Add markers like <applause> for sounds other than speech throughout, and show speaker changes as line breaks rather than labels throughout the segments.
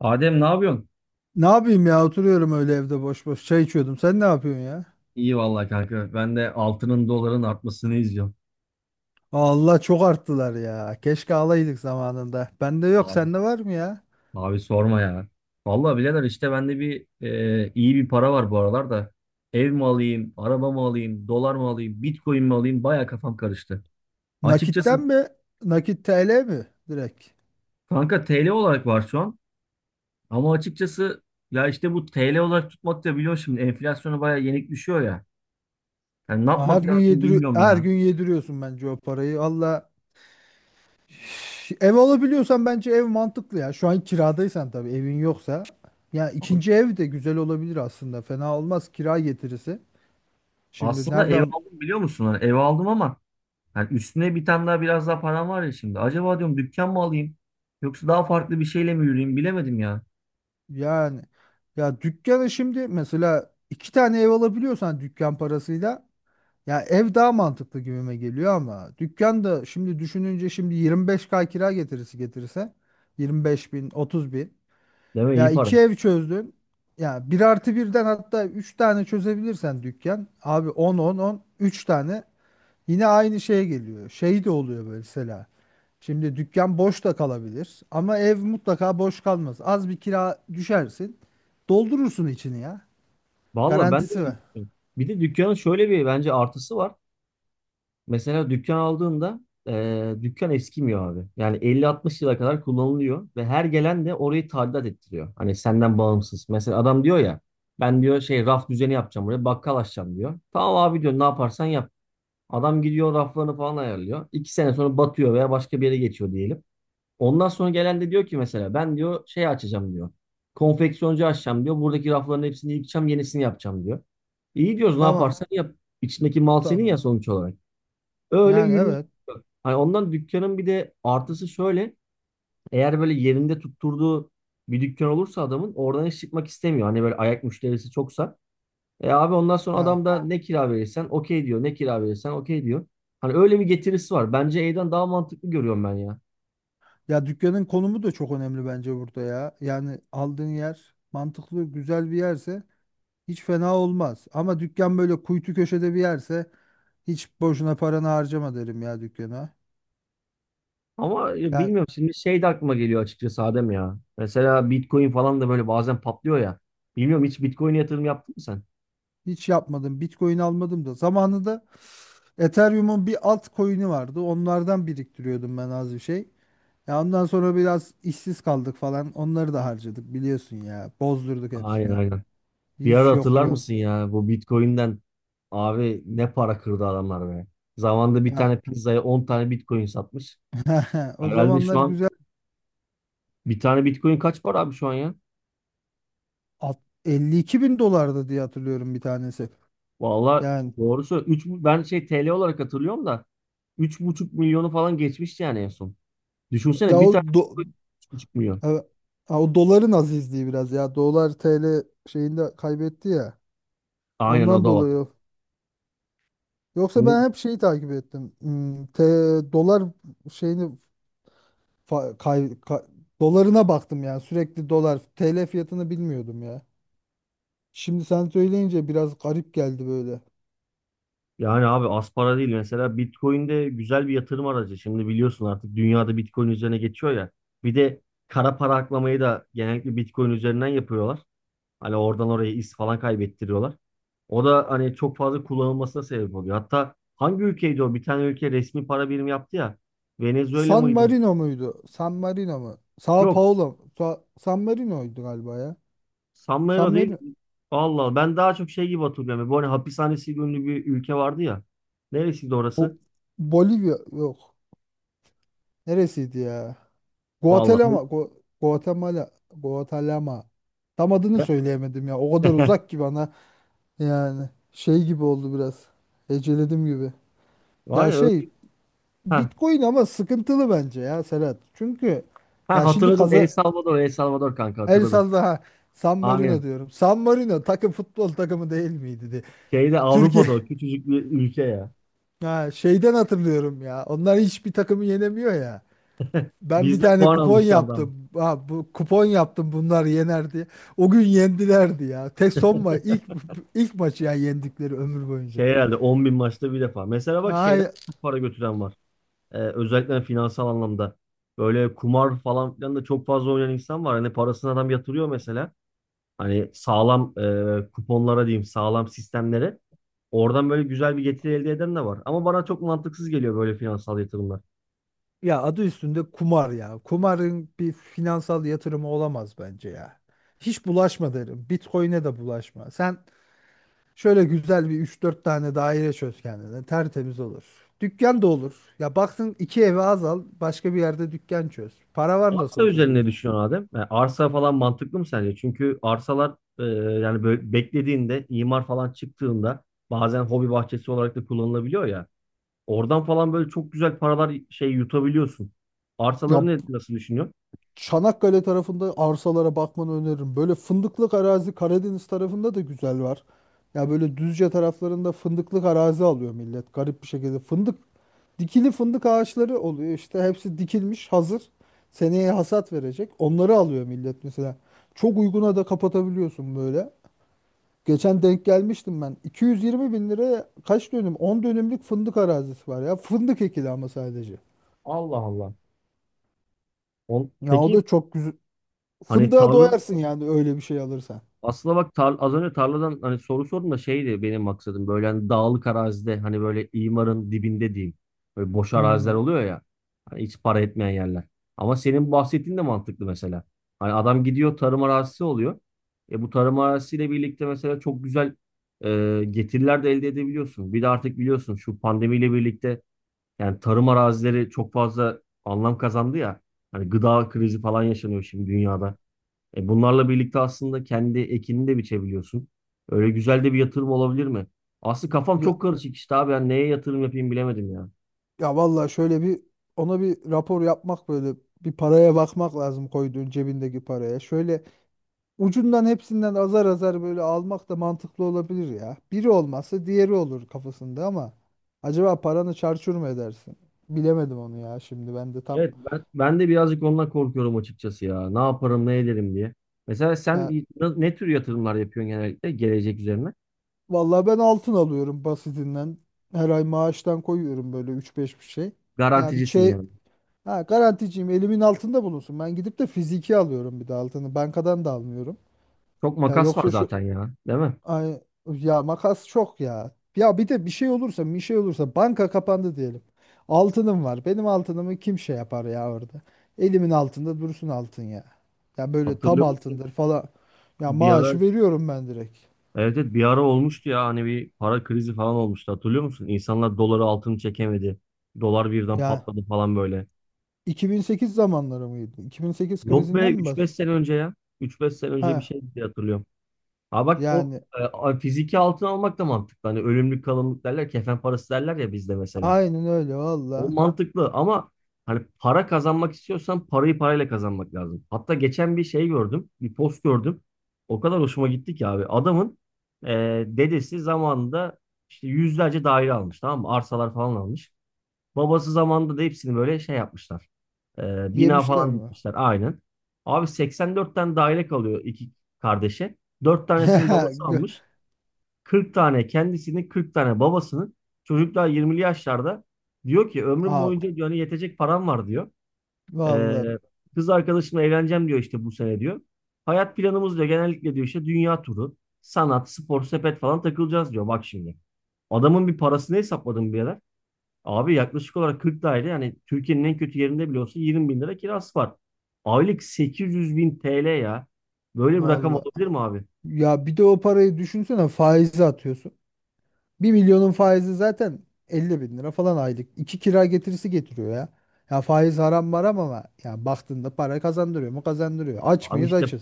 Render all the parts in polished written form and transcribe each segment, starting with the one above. Adem ne yapıyorsun?
Ne yapayım ya oturuyorum öyle evde boş boş çay içiyordum. Sen ne yapıyorsun ya?
İyi vallahi kanka. Ben de altının doların artmasını izliyorum.
Allah çok arttılar ya. Keşke alaydık zamanında. Bende yok,
Abi,
sende var mı ya?
abi, sorma ya. Vallahi birader işte bende iyi bir para var bu aralar da. Ev mi alayım, araba mı alayım, dolar mı alayım, Bitcoin mi alayım? Baya kafam karıştı.
Nakitten
Açıkçası
mi? Nakit TL mi? Direkt.
kanka TL olarak var şu an. Ama açıkçası ya işte bu TL olarak tutmak da biliyorsun şimdi enflasyona baya yenik düşüyor ya. Yani ne
Ha, Her
yapmak
gün
lazım
yediriyor,
bilmiyorum
her
ya.
gün yediriyorsun bence o parayı. Allah. Ev alabiliyorsan bence ev mantıklı ya. Şu an kiradaysan, tabii, evin yoksa. Ya ikinci ev de güzel olabilir aslında. Fena olmaz kira getirisi. Şimdi
Aslında ev
nereden
aldım biliyor musun? Hani ev aldım ama yani üstüne bir tane daha biraz daha param var ya şimdi. Acaba diyorum dükkan mı alayım? Yoksa daha farklı bir şeyle mi yürüyeyim bilemedim ya.
Yani, ya dükkanı şimdi mesela, iki tane ev alabiliyorsan dükkan parasıyla, ya ev daha mantıklı gibime geliyor. Ama dükkan da şimdi düşününce, şimdi 25K kira getirisi getirse, 25 bin, 30 bin
Değil mi?
ya
İyi para.
iki ev çözdün, ya bir artı birden hatta üç tane çözebilirsen dükkan abi, 10 10 10, üç tane. Yine aynı şey geliyor. Şey de oluyor böyle mesela. Şimdi dükkan boş da kalabilir ama ev mutlaka boş kalmaz. Az bir kira düşersin. Doldurursun içini ya.
Valla ben de
Garantisi var.
öyle düşünüyorum. Bir de dükkanın şöyle bir bence artısı var. Mesela dükkan aldığında dükkan eskimiyor abi. Yani 50-60 yıla kadar kullanılıyor ve her gelen de orayı tadilat ettiriyor. Hani senden bağımsız. Mesela adam diyor ya, ben diyor şey raf düzeni yapacağım, buraya bakkal açacağım diyor. Tamam abi diyor, ne yaparsan yap. Adam gidiyor raflarını falan ayarlıyor. 2 sene sonra batıyor veya başka bir yere geçiyor diyelim. Ondan sonra gelen de diyor ki mesela ben diyor şey açacağım diyor. Konfeksiyoncu açacağım diyor. Buradaki rafların hepsini yıkacağım, yenisini yapacağım diyor. İyi diyoruz, ne
Tamam,
yaparsan yap. İçindeki mal senin ya
tamam.
sonuç olarak. Öyle
Yani,
yürüyor.
evet
Hani ondan dükkanın bir de artısı şöyle. Eğer böyle yerinde tutturduğu bir dükkan olursa adamın oradan hiç çıkmak istemiyor. Hani böyle ayak müşterisi çoksa. E abi ondan sonra
ya.
adam da ne kira verirsen okey diyor. Ne kira verirsen okey diyor. Hani öyle bir getirisi var. Bence E'den daha mantıklı görüyorum ben ya.
Ya dükkanın konumu da çok önemli bence burada ya. Yani aldığın yer mantıklı, güzel bir yerse hiç fena olmaz. Ama dükkan böyle kuytu köşede bir yerse, hiç boşuna paranı harcama derim ya, dükkana.
Ama
Yani
bilmiyorum şimdi şey de aklıma geliyor açıkçası Adem ya. Mesela Bitcoin falan da böyle bazen patlıyor ya. Bilmiyorum, hiç Bitcoin'e yatırım yaptın mı sen?
hiç yapmadım. Bitcoin almadım da zamanında. Ethereum'un bir altcoin'i vardı, onlardan biriktiriyordum ben az bir şey. Ya ondan sonra biraz işsiz kaldık falan. Onları da harcadık biliyorsun ya. Bozdurduk
Aynen,
hepsini.
aynen. Bir ara
Hiç
hatırlar
yoklu.
mısın ya bu Bitcoin'den abi ne para kırdı adamlar be. Zamanında bir
Ya
tane pizzaya 10 tane Bitcoin satmış.
<laughs> o
Herhalde şu
zamanlar
an
güzel.
bir tane Bitcoin kaç para abi şu an ya?
52 bin dolardı diye hatırlıyorum bir tanesi.
Valla
Yani
doğrusu ben şey TL olarak hatırlıyorum da 3,5 milyonu falan geçmişti yani en son.
ya
Düşünsene
o
bir tane
do-
Bitcoin 3,5 milyon.
e, ha, o doların azizliği biraz ya. Dolar TL şeyinde kaybetti ya.
Aynen, o
Ondan
da var.
dolayı. Yoksa
Şimdi.
ben hep şeyi takip ettim. Hmm, T, dolar şeyini Fa- kay- ka- dolarına baktım, yani sürekli dolar TL fiyatını bilmiyordum ya. Şimdi sen söyleyince biraz garip geldi böyle.
Yani abi az para değil mesela Bitcoin de güzel bir yatırım aracı. Şimdi biliyorsun artık dünyada Bitcoin üzerine geçiyor ya. Bir de kara para aklamayı da genellikle Bitcoin üzerinden yapıyorlar. Hani oradan oraya iz falan kaybettiriyorlar. O da hani çok fazla kullanılmasına sebep oluyor. Hatta hangi ülkeydi o? Bir tane ülke resmi para birimi yaptı ya. Venezuela
San
mıydı?
Marino muydu? San Marino mu? Sao
Yok.
Paulo mu? San Marino'ydu galiba ya.
San
San
Marino değil.
Marino.
Allah Allah. Ben daha çok şey gibi hatırlıyorum. Bu hani hapishanesi ünlü bir ülke vardı ya. Neresiydi orası?
Bu Bolivya, yok. Neresiydi ya? Guatemala.
Vallahi.
Guatemala. Guatemala. Tam adını
<laughs>
söyleyemedim ya. O kadar uzak ki bana. Yani şey gibi oldu biraz. Heceledim gibi.
Var
Ya,
ya öyle.
şey,
Heh,
Bitcoin ama sıkıntılı bence ya, Serhat. Çünkü
Ha,
ya şimdi
hatırladım. El
kaza
Salvador, El Salvador kanka
el
hatırladım.
salla ha, San Marino
Aynen.
diyorum. San Marino futbol takımı değil miydi diye?
Şeyde
Türkiye
Avrupa'da o küçücük bir ülke ya.
<laughs> ha, şeyden hatırlıyorum ya. Onlar hiçbir takımı yenemiyor ya. Ben bir
Bizden
tane
puan
kupon
almışlardı ama.
yaptım. Ha, bu kupon yaptım, bunlar yenerdi. O gün yendilerdi ya. Tek son ma ilk ilk maçı ya yendikleri ömür boyunca.
Şey herhalde 10 bin maçta bir defa. Mesela bak şeyden de çok para götüren var. Özellikle finansal anlamda. Böyle kumar falan filan da çok fazla oynayan insan var. Hani parasını adam yatırıyor mesela. Hani sağlam kuponlara diyeyim, sağlam sistemlere. Oradan böyle güzel bir getiri elde eden de var. Ama bana çok mantıksız geliyor böyle finansal yatırımlar.
Ya adı üstünde kumar ya. Kumarın bir finansal yatırımı olamaz bence ya. Hiç bulaşma derim. Bitcoin'e de bulaşma. Sen şöyle güzel bir üç dört tane daire çöz kendine. Tertemiz olur. Dükkan da olur. Ya baksın, iki eve az al. Başka bir yerde dükkan çöz. Para var nasıl
Arsa
olsa
üzerine
diyorsun.
düşüyorsun Adem. Yani arsa falan mantıklı mı sence? Çünkü arsalar yani böyle beklediğinde imar falan çıktığında bazen hobi bahçesi olarak da kullanılabiliyor ya. Oradan falan böyle çok güzel paralar şey yutabiliyorsun.
Ya
Arsaları nasıl düşünüyorsun?
Çanakkale tarafında arsalara bakmanı öneririm. Böyle fındıklık arazi Karadeniz tarafında da güzel var. Ya böyle Düzce taraflarında fındıklık arazi alıyor millet, garip bir şekilde. Fındık, dikili fındık ağaçları oluyor işte, hepsi dikilmiş hazır. Seneye hasat verecek. Onları alıyor millet mesela. Çok uyguna da kapatabiliyorsun böyle. Geçen denk gelmiştim ben. 220 bin liraya kaç dönüm? 10 dönümlük fındık arazisi var ya. Fındık ekili ama sadece.
Allah Allah. On,
Ya o
peki
da çok güzel.
hani
Fındığa
tarla
doyarsın yani öyle bir şey alırsan.
Aslında bak az önce tarladan hani soru sordum da şeydi benim maksadım böyle hani dağlık arazide hani böyle imarın dibinde diyeyim. Böyle boş araziler
Hmm,
oluyor ya. Hani hiç para etmeyen yerler. Ama senin bahsettiğin de mantıklı mesela. Hani adam gidiyor tarım arazisi oluyor. E bu tarım arazisiyle birlikte mesela çok güzel getiriler de elde edebiliyorsun. Bir de artık biliyorsun şu pandemiyle birlikte yani tarım arazileri çok fazla anlam kazandı ya. Hani gıda krizi falan yaşanıyor şimdi dünyada. E bunlarla birlikte aslında kendi ekini de biçebiliyorsun. Öyle güzel de bir yatırım olabilir mi? Aslı kafam
ya,
çok karışık işte abi. Ben neye yatırım yapayım bilemedim ya.
ya vallahi şöyle bir, ona bir rapor yapmak, böyle bir paraya bakmak lazım, koyduğun cebindeki paraya. Şöyle ucundan hepsinden azar azar böyle almak da mantıklı olabilir ya. Biri olmazsa diğeri olur kafasında ama acaba paranı çarçur mu edersin? Bilemedim onu ya. Şimdi ben de
Evet, ben de birazcık ondan korkuyorum açıkçası ya. Ne yaparım ne ederim diye. Mesela sen
ya
ne tür yatırımlar yapıyorsun genellikle gelecek üzerine?
vallahi ben altın alıyorum basitinden. Her ay maaştan koyuyorum böyle üç beş bir şey. Ya bir
Garanticisin
şey
yani.
Ha, garanticiyim elimin altında bulunsun. Ben gidip de fiziki alıyorum bir de altını. Bankadan da almıyorum.
Çok
Ya
makas var
yoksa şu
zaten ya, değil mi?
ay, ya makas çok ya. Ya bir de bir şey olursa banka kapandı diyelim. Altınım var. Benim altınımı kim şey yapar ya orada. Elimin altında dursun altın ya. Ya böyle tam
Hatırlıyor musun?
altındır falan. Ya
Bir ara,
maaşı veriyorum ben direkt.
evet, evet, bir ara olmuştu ya hani bir para krizi falan olmuştu hatırlıyor musun? İnsanlar doları altını çekemedi. Dolar birden
Ya
patladı falan böyle.
2008 zamanları mıydı? 2008
Yok be,
krizinden mi
üç
bas?
beş sene önce ya. Üç beş sene önce bir
Ha,
şey diye hatırlıyorum. Ha bak o
yani
fiziki altın almak da mantıklı. Hani ölümlük kalımlık derler, kefen parası derler ya bizde mesela.
aynen öyle
O
valla.
mantıklı ama hani para kazanmak istiyorsan parayı parayla kazanmak lazım. Hatta geçen bir şey gördüm, bir post gördüm. O kadar hoşuma gitti ki abi. Adamın e, dedesi zamanında işte yüzlerce daire almış, tamam mı? Arsalar falan almış. Babası zamanında da hepsini böyle şey yapmışlar. Bina
Yemişler
falan
mi?
dikmişler aynen. Abi 84 tane daire kalıyor iki kardeşe. Dört tanesinin babası
<laughs> Gö-
almış. 40 tane kendisini, 40 tane babasını. Çocuklar 20'li yaşlarda, diyor ki ömrüm
Aa,
boyunca diyor, hani yetecek param var diyor. Ee,
valla,
kız arkadaşımla evleneceğim diyor işte bu sene diyor. Hayat planımız diyor genellikle diyor işte dünya turu, sanat, spor, sepet falan takılacağız diyor. Bak şimdi. Adamın bir parasını hesapladım Abi, yaklaşık olarak 40 daire, yani Türkiye'nin en kötü yerinde bile olsa 20 bin lira kirası var. Aylık 800 bin TL ya. Böyle bir rakam
valla.
olabilir mi abi?
Ya bir de o parayı düşünsene, faize atıyorsun. Bir milyonun faizi zaten 50 bin lira falan aylık. İki kira getirisi getiriyor ya. Ya, faiz haram maram ama ya baktığında para kazandırıyor mu, kazandırıyor. Aç
Abi
mıyız,
işte
açız.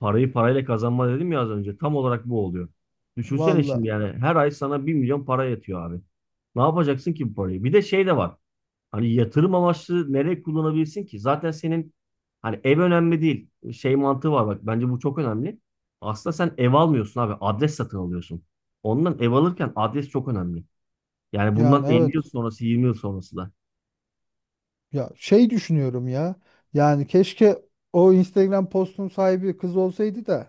parayı parayla kazanma dedim ya az önce. Tam olarak bu oluyor. Düşünsene şimdi
Valla,
yani her ay sana 1 milyon para yatıyor abi. Ne yapacaksın ki bu parayı? Bir de şey de var. Hani yatırım amaçlı nereye kullanabilirsin ki? Zaten senin hani ev önemli değil. Şey mantığı var bak bence bu çok önemli. Aslında sen ev almıyorsun abi, adres satın alıyorsun. Ondan ev alırken adres çok önemli. Yani bundan
yani
50
evet.
yıl sonrası 20 yıl sonrası da.
Ya şey düşünüyorum ya. Yani keşke o Instagram postunun sahibi kız olsaydı da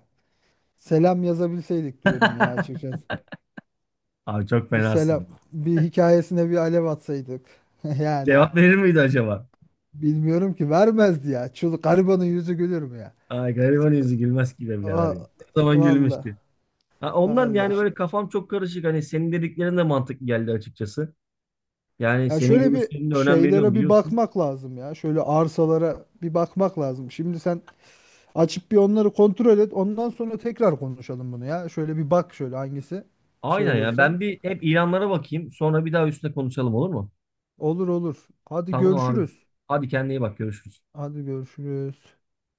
selam yazabilseydik diyorum ya,
<laughs>
açıkçası.
Abi çok
Bir
fenasın
selam
ya.
bir hikayesine bir alev atsaydık. <laughs> Yani
Cevap verir miydi acaba?
bilmiyorum ki, vermezdi ya. Çıl garibanın yüzü gülür mü ya?
Ay gariban yüzü gülmez ki be birader
Aa,
ya. Ne zaman
valla.
gülmüştü. Ha, ondan
Allah.
yani böyle kafam çok karışık. Hani senin dediklerin de mantıklı geldi açıkçası. Yani
Ya
senin
şöyle bir
görüşlerine de önem veriyorum
şeylere bir
biliyorsun.
bakmak lazım ya. Şöyle arsalara bir bakmak lazım. Şimdi sen açıp bir onları kontrol et. Ondan sonra tekrar konuşalım bunu ya. Şöyle bir bak şöyle hangisi şey
Aynen ya.
olursa.
Ben bir hep ilanlara bakayım. Sonra bir daha üstüne konuşalım olur mu?
Olur, olur. Hadi
Tamam abi.
görüşürüz.
Hadi kendine iyi bak. Görüşürüz.
Hadi görüşürüz.